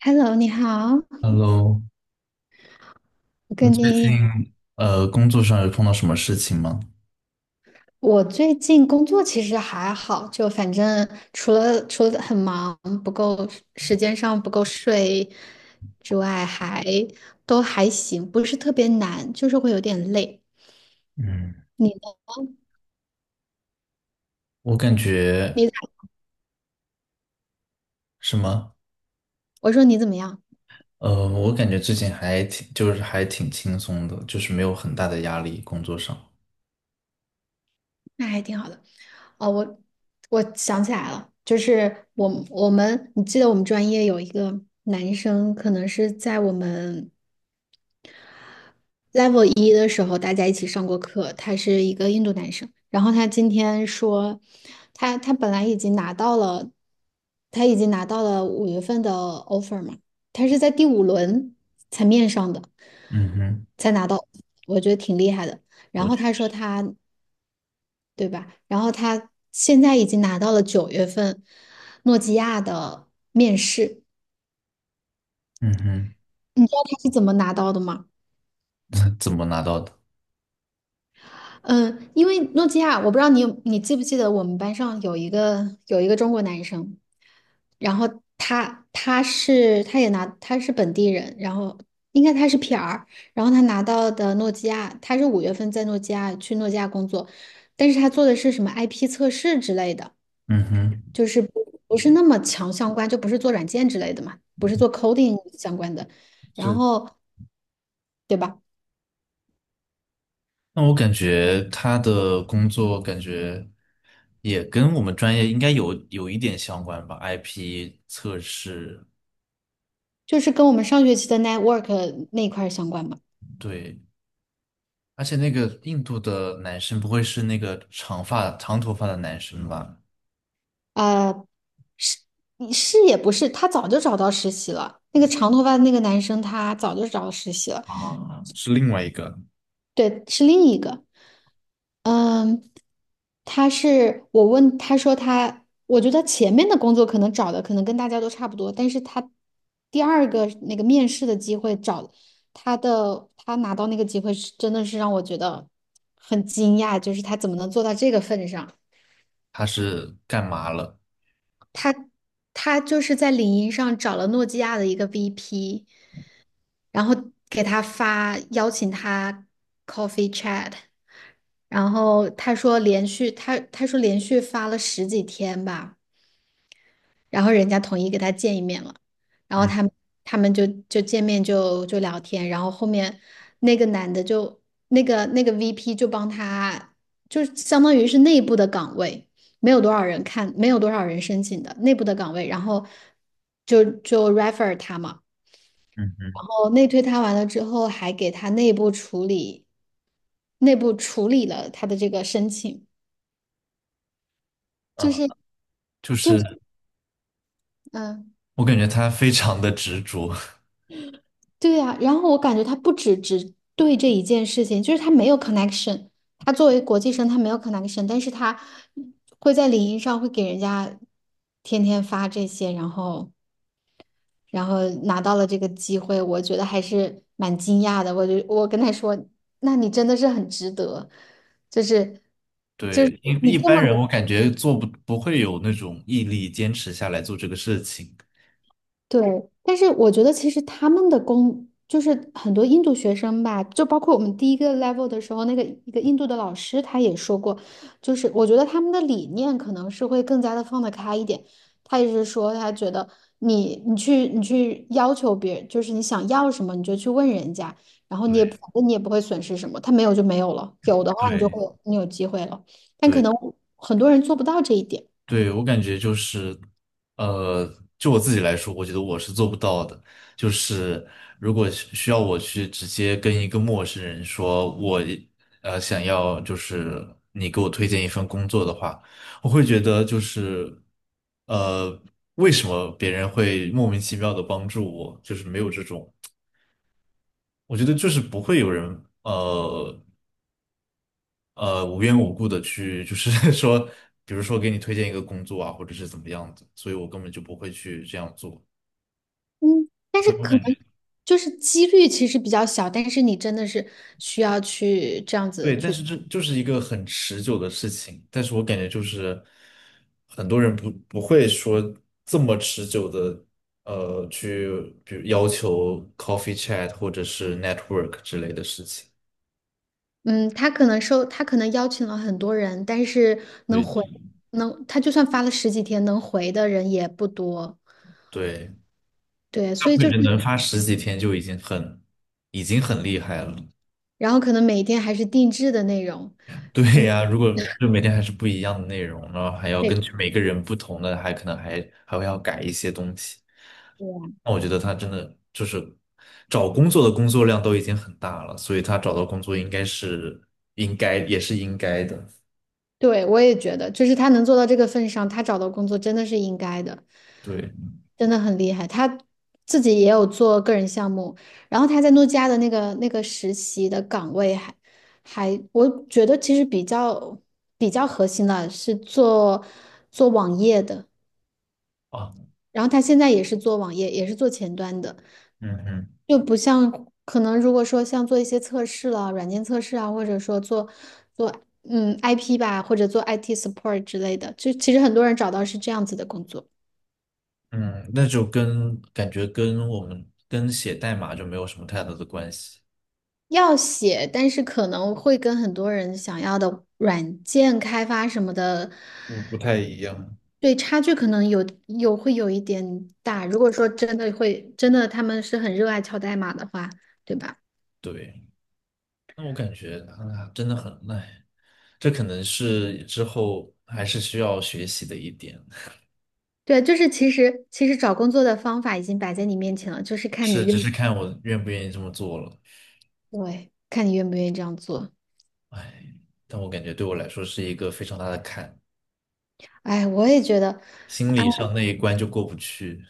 Hello，你好，Hello，我你跟最你，近工作上有碰到什么事情吗？我最近工作其实还好，就反正除了很忙，不够时间上不够睡之外，还都还行，不是特别难，就是会有点累。嗯，你呢？我感觉你，什么？我说你怎么样？我感觉最近还挺，就是还挺轻松的，就是没有很大的压力，工作上。那还挺好的。哦，我想起来了，就是我们，你记得我们专业有一个男生，可能是在我们level 一的时候，大家一起上过课，他是一个印度男生。然后他今天说，他本来已经拿到了，他已经拿到了五月份的 offer 嘛，他是在第五轮才面上的，嗯哼，才拿到，我觉得挺厉害的。然我觉，后他说他，对吧？然后他现在已经拿到了九月份诺基亚的面试。嗯哼，你知道他是怎么拿到的吗？怎么拿到的？嗯，因为诺基亚，我不知道你有你记不记得我们班上有一个中国男生，然后他他是他也拿他是本地人，然后应该他是 PR，然后他拿到的诺基亚，他是五月份在诺基亚去诺基亚工作，但是他做的是什么 IP 测试之类的，嗯哼，就是不是那么强相关，就不是做软件之类的嘛，不是做 coding 相关的，然是。后对吧？那我感觉他的工作感觉也跟我们专业应该有一点相关吧，IP 测试，就是跟我们上学期的 network 那一块儿相关吧。对。而且那个印度的男生不会是那个长头发的男生吧？呃，是是也不是，他早就找到实习了。那个长头发的那个男生，他早就找到实习了。啊，是另外一个，对，是另一个。嗯，他是我问他说他，我觉得前面的工作可能找的可能跟大家都差不多，但是他第二个那个面试的机会找他的，他拿到那个机会是真的是让我觉得很惊讶，就是他怎么能做到这个份上？他是干嘛了？他。他就是在领英上找了诺基亚的一个 VP，然后给他发邀请他 coffee chat。然后他说连续他他说连续发了十几天吧，然后人家统一给他见一面了，然后嗯他们，他们就见面就聊天，然后后面那个男的就那个 VP 就帮他，就相当于是内部的岗位，没有多少人看，没有多少人申请的内部的岗位，然后就 refer 他嘛，嗯嗯，然后内推他完了之后，还给他内部处理，内部处理了他的这个申请，就嗯，是就就是是嗯。我感觉他非常的执着，对呀，然后我感觉他不只对这一件事情，就是他没有 connection。他作为国际生，他没有 connection，但是他会在领英上会给人家天天发这些，然后然后拿到了这个机会，我觉得还是蛮惊讶的。我就我跟他说，那你真的是很值得，就是 就是对，一你一这般人么，我感觉做不不会有那种毅力坚持下来做这个事情。对，但是我觉得其实他们的工就是很多印度学生吧，就包括我们第一个 level 的时候，那个一个印度的老师他也说过，就是我觉得他们的理念可能是会更加的放得开一点。他也是说，他觉得你去要求别人，就是你想要什么你就去问人家，然后你也反对正你也不会损失什么，他没有就没有了，有的话你就对会你有机会了，但可对，能很多人做不到这一点。对，我感觉就是，呃，就我自己来说，我觉得我是做不到的。就是如果需要我去直接跟一个陌生人说我，想要就是你给我推荐一份工作的话，我会觉得就是，呃，为什么别人会莫名其妙的帮助我？就是没有这种，我觉得就是不会有人。无缘无故的去，就是 说，比如说给你推荐一个工作啊，或者是怎么样子，所以我根本就不会去这样做，嗯，但是所以我可感觉能就是几率其实比较小，但是你真的是需要去这样子对，但去。是这就是一个很持久的事情，但是我感觉就是很多人不会说这么持久的，去比如要求 coffee chat 或者是 network 之类的事情，嗯，他可能收，他可能邀请了很多人，但是能对回，能，他就算发了十几天，能回的人也不多，对，对，大所部以分就是，人能发十几天就已经很厉害了。然后可能每天还是定制的内容。对嗯，呀，如果就每天还是不一样的内容，然后还要对，根据每个人不同的，还可能还会要改一些东西。那我觉得他真的就是找工作的工作量都已经很大了，所以他找到工作应该也是应该的。对，我也觉得，就是他能做到这个份上，他找到工作真的是应该的，对真的很厉害。他自己也有做个人项目，然后他在诺基亚的那个实习的岗位还还，我觉得其实比较核心的是做做网页的。啊，然后他现在也是做网页，也是做前端的，嗯嗯就不像可能如果说像做一些测试了，软件测试啊，或者说做做嗯 IP 吧，或者做 IT support 之类的，就其实很多人找到是这样子的工作。嗯，那就跟感觉跟我们跟写代码就没有什么太大的关系，要写，但是可能会跟很多人想要的软件开发什么的，不太一样。对差距可能会有一点大。如果说真的会真的他们是很热爱敲代码的话，对吧？对。那我感觉啊，真的很累，这可能是之后还是需要学习的一点，对，就是其实找工作的方法已经摆在你面前了，就是 看你是，只愿，是看我愿不愿意这么做了。对，看你愿不愿意这样做。但我感觉对我来说是一个非常大的坎，哎，我也觉得，啊，心理上那一关就过不去。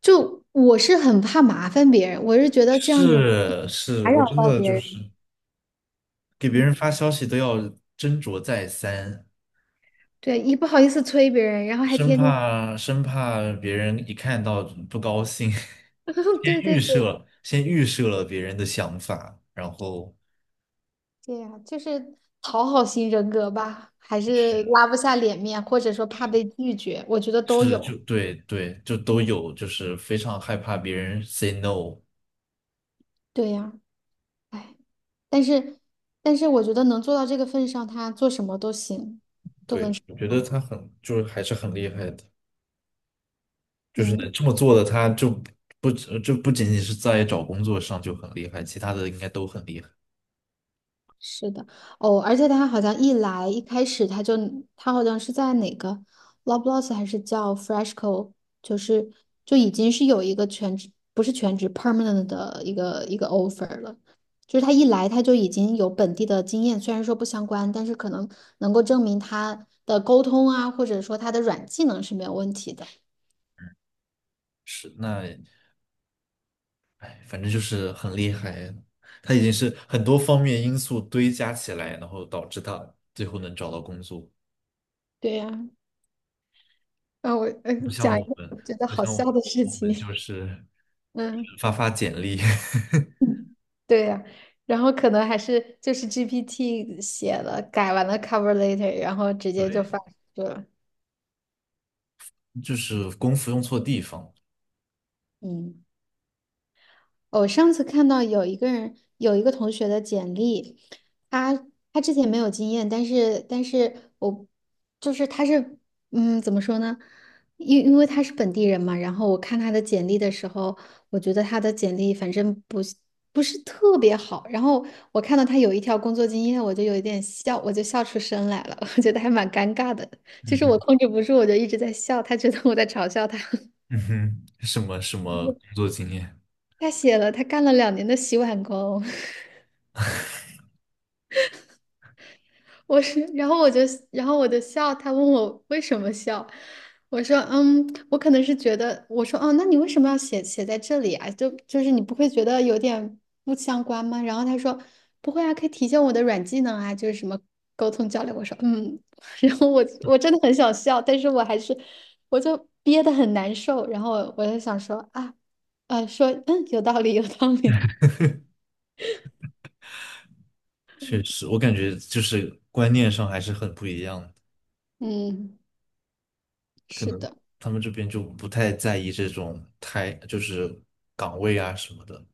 就我是很怕麻烦别人，我是觉得这样子是是，打我扰真到的别就是人。给别嗯，人发消息都要斟酌再三，对，一不好意思催别人，然后还生天天，怕生怕别人一看到不高兴，先对对预对，设先预设了别人的想法，然后。对呀，就是讨好型人格吧，还是拉不下脸面，或者说怕被拒绝，我觉得都是有。就对对，就都有，就是非常害怕别人 say no。对呀。哎，但是但是我觉得能做到这个份上，他做什么都行，都能对，成我觉得功。他很就是还是很厉害的，就是能嗯，这么做的，他就不只就不仅仅是在找工作上就很厉害，其他的应该都很厉害。是的。哦，而且他好像一开始他就他好像是在哪个 l o b l o s s 还是叫 Freshco，就是就已经是有一个不是全职 permanent 的一个 offer 了。就是他一来他就已经有本地的经验，虽然说不相关，但是可能能够证明他的沟通啊，或者说他的软技能是没有问题的。是，那哎，反正就是很厉害，他已经是很多方面因素堆加起来，然后导致他最后能找到工作，对呀。啊，我呃不像讲一我个们，我觉得不好像笑我的事我们就情。是嗯，发发简历。嗯，对呀、然后可能还是就是 GPT 写了，改完了 cover letter，然后直接就对。发出去了。就是功夫用错地方。嗯。我上次看到有一个人，有一个同学的简历，他他之前没有经验，但是我就是他是嗯怎么说呢？因为他是本地人嘛，然后我看他的简历的时候，我觉得他的简历反正不是特别好，然后我看到他有一条工作经验，我就有一点笑，我就笑出声来了，我觉得还蛮尴尬的，就嗯是我哼，控制不住，我就一直在笑，他觉得我在嘲笑他。嗯哼，什么工 作经验？他写了，他干了2年的洗碗工。我是，然后我就，然后我就笑，他问我为什么笑，我说，嗯，我可能是觉得，我说，哦，那你为什么要写写在这里啊？就就是你不会觉得有点不相关吗？然后他说，不会啊，可以体现我的软技能啊，就是什么沟通交流。我说，嗯，然后我真的很想笑，但是我还是，我就憋得很难受，然后我就想说，啊，呃，说，嗯，有道理，有道理。确实，我感觉就是观念上还是很不一样的，嗯，可是能的。他们这边就不太在意这种太就是岗位啊什么的，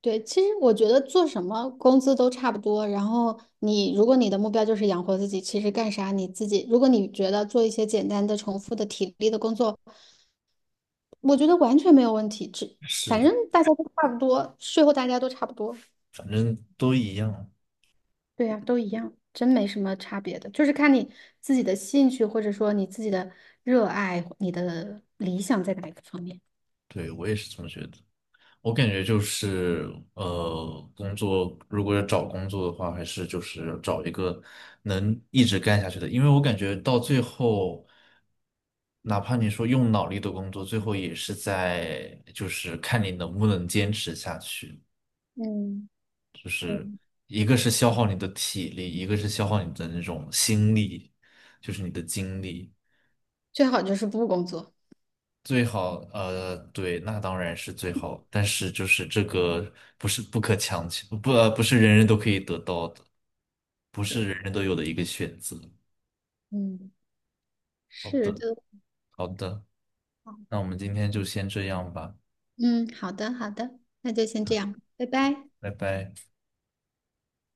对，其实我觉得做什么工资都差不多。然后你，如果你的目标就是养活自己，其实干啥你自己，如果你觉得做一些简单的、重复的体力的工作，我觉得完全没有问题。只反是。正大家都差不多，税后大家都差不多。反正都一样。对呀，都一样，真没什么差别的，就是看你自己的兴趣，或者说你自己的热爱，你的理想在哪一个方面。对，我也是这么觉得。我感觉就是，工作如果要找工作的话，还是就是找一个能一直干下去的，因为我感觉到最后，哪怕你说用脑力的工作，最后也是在就是看你能不能坚持下去。嗯，一个是消耗你的体力，一个是消耗你的那种心力，就是你的精力。最好就是不工作。最好，对，那当然是最好，但是就是这个不是不可强求，不，不是人人都可以得到的，不是对，人人都有的一个选择。嗯，好是的，的。好的，那我们今天就先这样吧，嗯，好的，好的，那就先这样，拜拜。拜拜。